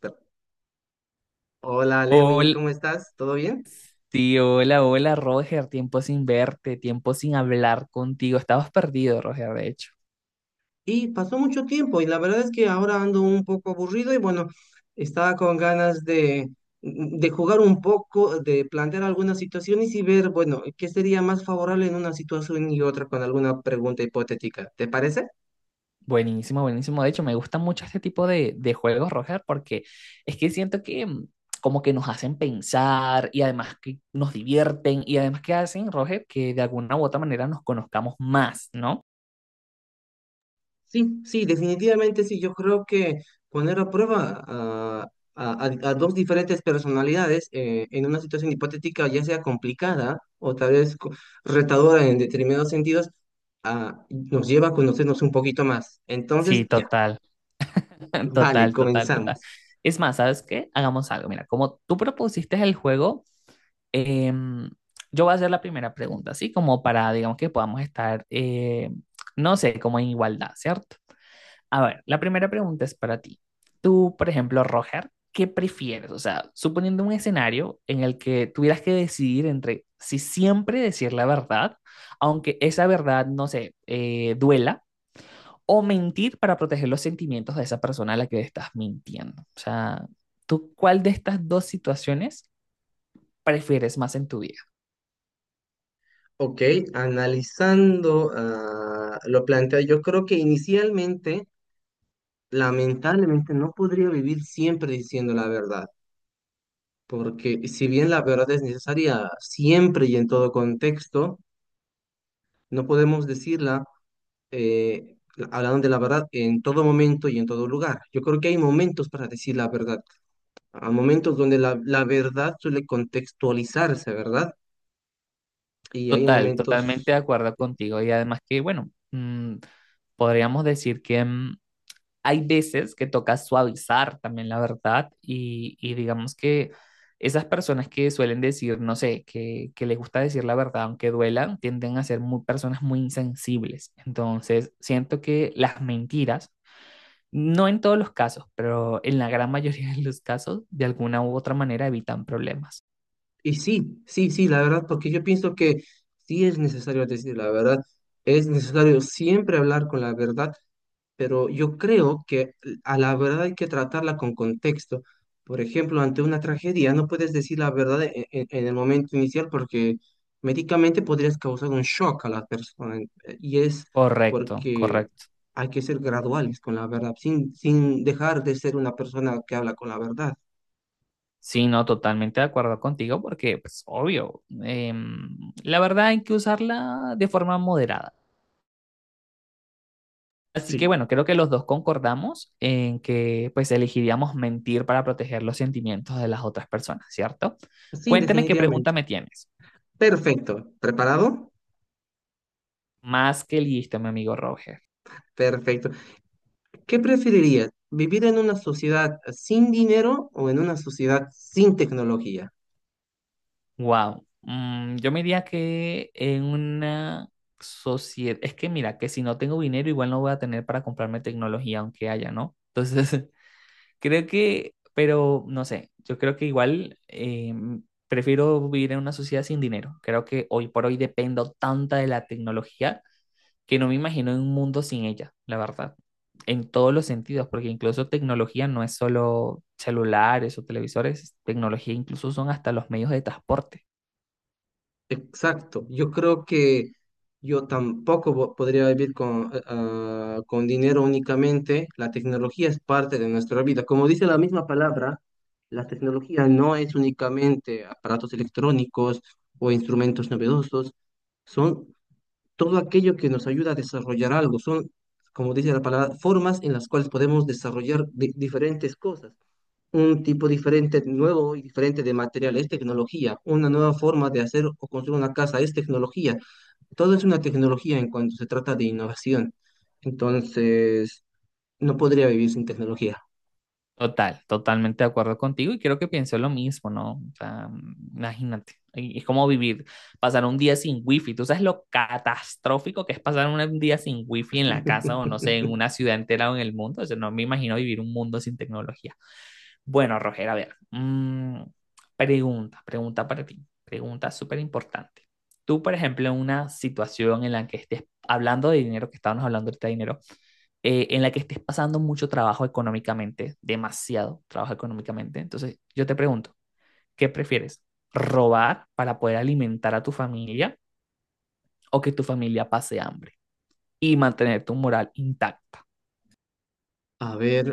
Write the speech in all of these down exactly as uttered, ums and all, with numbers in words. Pe- Hola Lewin, Hola, ¿cómo estás? ¿Todo bien? tío, hola, hola, Roger. Tiempo sin verte, tiempo sin hablar contigo. Estabas perdido, Roger, de hecho. Y pasó mucho tiempo y la verdad es que ahora ando un poco aburrido y bueno, estaba con ganas de, de jugar un poco, de plantear algunas situaciones y ver, bueno, qué sería más favorable en una situación y otra con alguna pregunta hipotética. ¿Te parece? Buenísimo, buenísimo. De hecho, me gusta mucho este tipo de, de juegos, Roger, porque es que siento que mm, como que nos hacen pensar y además que nos divierten y además que hacen, Roger, que de alguna u otra manera nos conozcamos más, ¿no? Sí, sí, definitivamente sí. Yo creo que poner a prueba a, a- a- a dos diferentes personalidades eh, en una situación hipotética, ya sea complicada o tal vez co- retadora en determinados sentidos, ah, nos lleva a conocernos un poquito más. Entonces, Sí, ya, total, vale, total, total, total. comenzamos. Es más, ¿sabes qué? Hagamos algo. Mira, como tú propusiste el juego. Em, yo voy a hacer la primera pregunta, así como para, digamos, que podamos estar, eh, no sé, como en igualdad, ¿cierto? A ver, la primera pregunta es para ti. Tú, por ejemplo, Roger, ¿qué prefieres? O sea, suponiendo un escenario en el que tuvieras que decidir entre si siempre decir la verdad, aunque esa verdad, no sé, eh, duela, o mentir para proteger los sentimientos de esa persona a la que estás mintiendo. O sea, ¿tú cuál de estas dos situaciones prefieres más en tu vida? Ok, analizando ah, lo planteado, yo creo que inicialmente, lamentablemente, no podría vivir siempre diciendo la verdad, porque si bien la verdad es necesaria siempre y en todo contexto, no podemos decirla, eh, la- hablando de la verdad, en todo momento y en todo lugar. Yo creo que hay momentos para decir la verdad, a momentos donde la, la verdad suele contextualizarse, ¿verdad? Y hay Total, totalmente momentos, de acuerdo contigo. Y además que, bueno, mm, podríamos decir que mm, hay veces que toca suavizar también la verdad y, y digamos que esas personas que suelen decir, no sé, que, que les gusta decir la verdad aunque duelan, tienden a ser muy, personas muy insensibles. Entonces, siento que las mentiras, no en todos los casos, pero en la gran mayoría de los casos, de alguna u otra manera evitan problemas. y sí, sí, sí, la verdad, porque yo pienso que sí es necesario decir la verdad, es necesario siempre hablar con la verdad, pero yo creo que a la verdad hay que tratarla con contexto. Por ejemplo, ante una tragedia no puedes decir la verdad e- e- en el momento inicial, porque médicamente podrías causar un shock a la persona, eh, y es Correcto, porque correcto. hay que ser graduales con la verdad, sin, sin dejar de ser una persona que habla con la verdad. Sí, no, totalmente de acuerdo contigo porque, pues, obvio, em, la verdad hay que usarla de forma moderada. Así que, bueno, Sí. creo que los dos concordamos en que, pues, elegiríamos mentir para proteger los sentimientos de las otras personas, ¿cierto? Sí, Cuéntame qué pregunta definitivamente. me tienes. Perfecto. ¿Preparado? Más que listo, mi amigo Roger. Perfecto. ¿Qué preferirías? ¿Vivir en una sociedad sin dinero o en una sociedad sin tecnología? Wow. Yo me diría que en una sociedad, es que mira, que si no tengo dinero, igual no voy a tener para comprarme tecnología, aunque haya, ¿no? Entonces, creo que, pero no sé, yo creo que igual eh, prefiero vivir en una sociedad sin dinero. Creo que hoy por hoy dependo tanta de la tecnología que no me imagino en un mundo sin ella, la verdad, en todos los sentidos, porque incluso tecnología no es solo celulares o televisores, tecnología incluso son hasta los medios de transporte. Exacto, yo creo que yo tampoco po- podría vivir con, eh, ah, con dinero únicamente. La tecnología es parte de nuestra vida. Como dice la misma palabra, la tecnología no es únicamente aparatos electrónicos o instrumentos novedosos, son todo aquello que nos ayuda a desarrollar algo. Son, como dice la palabra, formas en las cuales podemos desarrollar di- diferentes cosas, un tipo diferente, nuevo y diferente de material, es tecnología. Una nueva forma de hacer o construir una casa es tecnología. Todo es una tecnología en cuanto se trata de innovación. Entonces, no podría vivir sin tecnología. Total, totalmente de acuerdo contigo y creo que pienso lo mismo, ¿no? O sea, imagínate, y- es como vivir, pasar un día sin wifi, tú sabes lo catastrófico que es pasar un un día sin wifi en la casa o no sé, en una ciudad entera o en el mundo, o sea, no me imagino vivir un mundo sin tecnología. Bueno, Roger, a ver, mm, pregunta, pregunta para ti, pregunta súper importante. Tú, por ejemplo, en una situación en la que estés hablando de dinero, que estábamos hablando ahorita de dinero, eh, en la que estés pasando mucho trabajo económicamente, demasiado trabajo económicamente. Entonces, yo te pregunto, ¿qué prefieres? ¿Robar para poder alimentar a tu familia o que tu familia pase hambre y mantener tu moral intacta? A ver,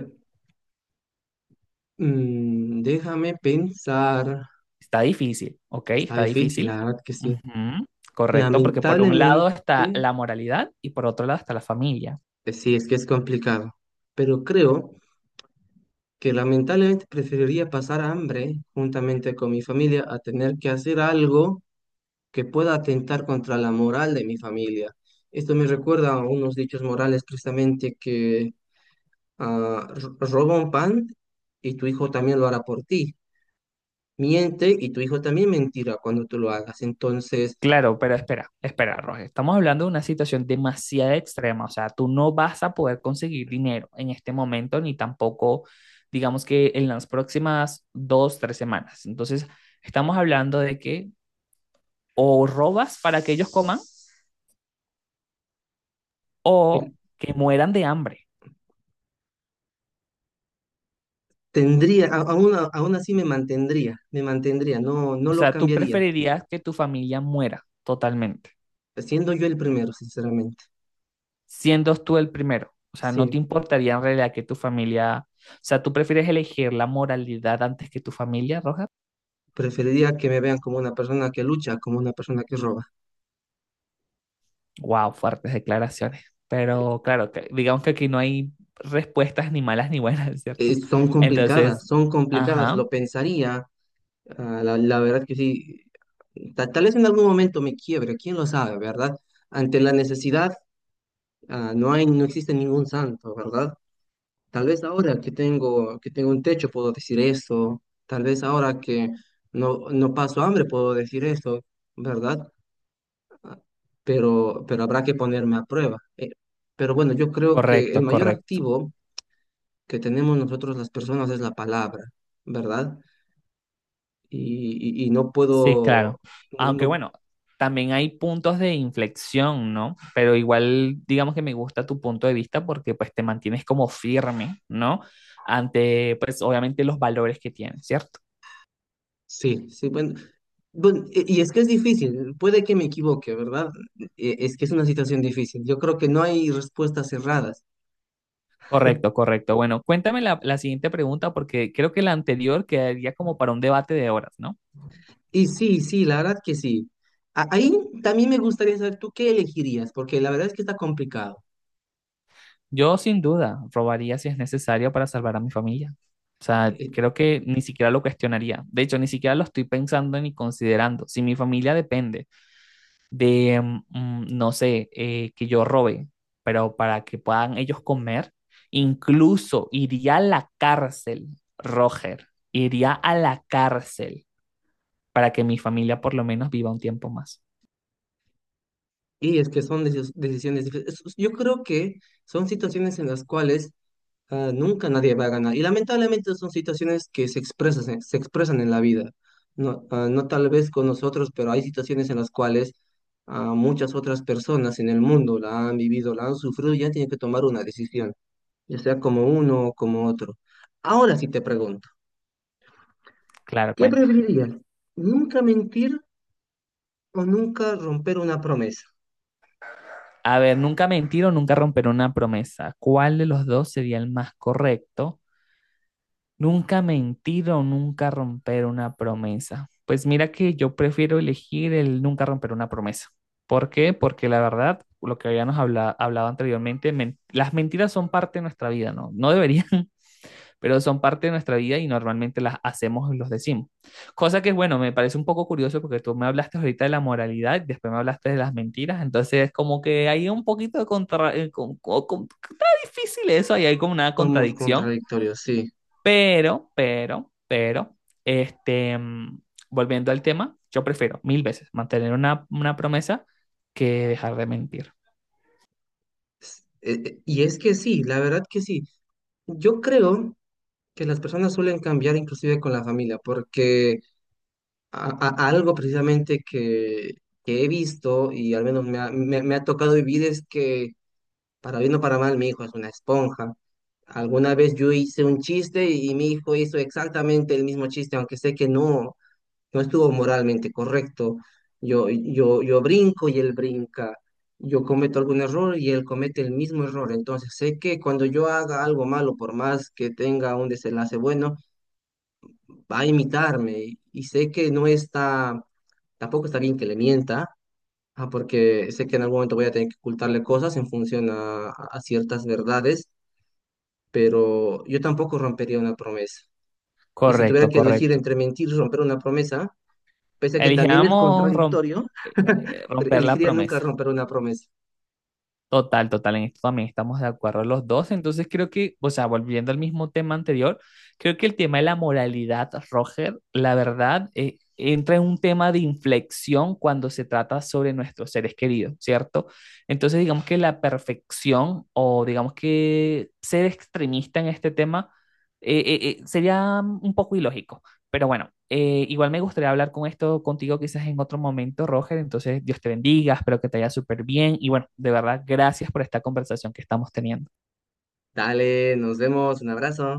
mm, déjame pensar. Está difícil, ¿ok? Está Está difícil, difícil. la verdad que sí. Ujú. Correcto, porque por un lado Lamentablemente, está la moralidad y por otro lado está la familia. eh, sí, es que es complicado. Pero creo que lamentablemente preferiría pasar hambre juntamente con mi familia a tener que hacer algo que pueda atentar contra la moral de mi familia. Esto me recuerda a unos dichos morales precisamente que ah, ro- roba un pan y tu hijo también lo hará por ti. Miente y tu hijo también mentirá cuando tú lo hagas. Entonces, Claro, pero espera, espera, Roger. Estamos hablando de una situación demasiado extrema. O sea, tú no vas a poder conseguir dinero en este momento, ni tampoco, digamos que en las próximas dos, tres semanas. Entonces, estamos hablando de que o robas para que ellos coman eh, o que mueran de hambre. tendría, a- aún, aún así me mantendría, me mantendría, no, no O lo sea, tú cambiaría, preferirías que tu familia muera totalmente, siendo yo el primero, sinceramente. siendo tú el primero. O sea, no te Sí. importaría en realidad que tu familia, o sea, tú prefieres elegir la moralidad antes que tu familia, Roger. Preferiría que me vean como una persona que lucha, como una persona que roba. Wow, fuertes declaraciones. Pero claro, que, digamos que aquí no hay respuestas ni malas ni buenas, Eh, ¿cierto? son Entonces, complicadas, son complicadas, lo ajá, pensaría. Ah, la, la verdad que sí, ta- tal vez en algún momento me quiebre, quién lo sabe, ¿verdad? Ante la necesidad, ah, no hay, no existe ningún santo, ¿verdad? Tal vez ahora que tengo, que tengo un techo puedo decir eso, tal vez ahora que no, no paso hambre puedo decir eso, ¿verdad? Ah, Pero, pero habrá que ponerme a prueba. Eh, pero bueno, yo creo que el correcto, mayor correcto. activo que tenemos nosotros las personas es la palabra, ¿verdad? Y, y- y no Sí, puedo, claro. no, Aunque no- bueno, también hay puntos de inflexión, ¿no? Pero igual, digamos que me gusta tu punto de vista porque pues te mantienes como firme, ¿no? Ante, pues obviamente los valores que tienes, ¿cierto? sí, sí, bueno, bueno, y y es que es difícil, puede que me equivoque, ¿verdad? E- Es que es una situación difícil, yo creo que no hay respuestas cerradas. Correcto, correcto. Bueno, cuéntame la, la siguiente pregunta porque creo que la anterior quedaría como para un debate de horas, ¿no? Y sí, sí, la verdad que sí. A- Ahí también me gustaría saber tú qué elegirías, porque la verdad es que está complicado. Yo sin duda robaría si es necesario para salvar a mi familia. O sea, Eh, creo que ni siquiera lo cuestionaría. De hecho, ni siquiera lo estoy pensando ni considerando. Si mi familia depende de, mm, mm, no sé, eh, que yo robe, pero para que puedan ellos comer, incluso iría a la cárcel, Roger, iría a la cárcel para que mi familia por lo menos viva un tiempo más. Y es que son decis- decisiones difíciles. Es- Yo creo que son situaciones en las cuales Ah, nunca nadie va a ganar. Y lamentablemente son situaciones que se expresan, se, se expresan en la vida. No, ah, no tal vez con nosotros, pero hay situaciones en las cuales ah, muchas otras personas en el mundo la han vivido, la han sufrido y ya tienen que tomar una decisión, ya sea como uno o como otro. Ahora sí te pregunto, Claro, ¿qué cuenta. preferirías? ¿Nunca mentir o nunca romper una promesa? A ver, nunca mentir o nunca romper una promesa. ¿Cuál de los dos sería el más correcto? Nunca mentir o nunca romper una promesa. Pues mira que yo prefiero elegir el nunca romper una promesa. ¿Por qué? Porque la verdad, lo que habíamos habla- hablado anteriormente, men- las mentiras son parte de nuestra vida, ¿no? No deberían, pero son parte de nuestra vida y normalmente las hacemos y los decimos. Cosa que, bueno, me parece un poco curioso porque tú me hablaste ahorita de la moralidad, después me hablaste de las mentiras, entonces como que hay un poquito de contra... eh, con- con- con- está difícil eso, ahí hay como una Somos contradicción. contradictorios, sí. Pero, pero, pero, este, mm, volviendo al tema, yo prefiero mil veces mantener una, una promesa que dejar de mentir. S- eh, eh, y es que sí, la verdad que sí. Yo creo que las personas suelen cambiar inclusive con la familia, porque a- a- algo precisamente que, que he visto y al menos me ha, me- me ha tocado vivir es que, para bien o para mal, mi hijo es una esponja. Alguna vez yo hice un chiste y, mi hijo hizo exactamente el mismo chiste, aunque sé que no, no estuvo moralmente correcto. Yo, yo, yo brinco y él brinca. Yo cometo algún error y él comete el mismo error. Entonces sé que cuando yo haga algo malo, por más que tenga un desenlace bueno, va a imitarme y, sé que no está, tampoco está bien que le mienta, ah, porque sé que en algún momento voy a tener que ocultarle cosas en función a, a ciertas verdades, pero yo tampoco rompería una promesa. Y si tuviera Correcto, que elegir correcto. entre mentir y romper una promesa, pese a que también es Elijamos romp- contradictorio, eh, pero romper la elegiría nunca promesa. romper una promesa. Total, total, en esto también estamos de acuerdo los dos. Entonces creo que, o sea, volviendo al mismo tema anterior, creo que el tema de la moralidad, Roger, la verdad, eh, entra en un tema de inflexión cuando se trata sobre nuestros seres queridos, ¿cierto? Entonces digamos que la perfección o digamos que ser extremista en este tema eh, eh, eh, sería un poco ilógico. Pero bueno, eh, igual me gustaría hablar con esto contigo quizás en otro momento, Roger. Entonces, Dios te bendiga, espero que te vaya súper bien. Y bueno, de verdad, gracias por esta conversación que estamos teniendo. Dale, nos vemos, un abrazo.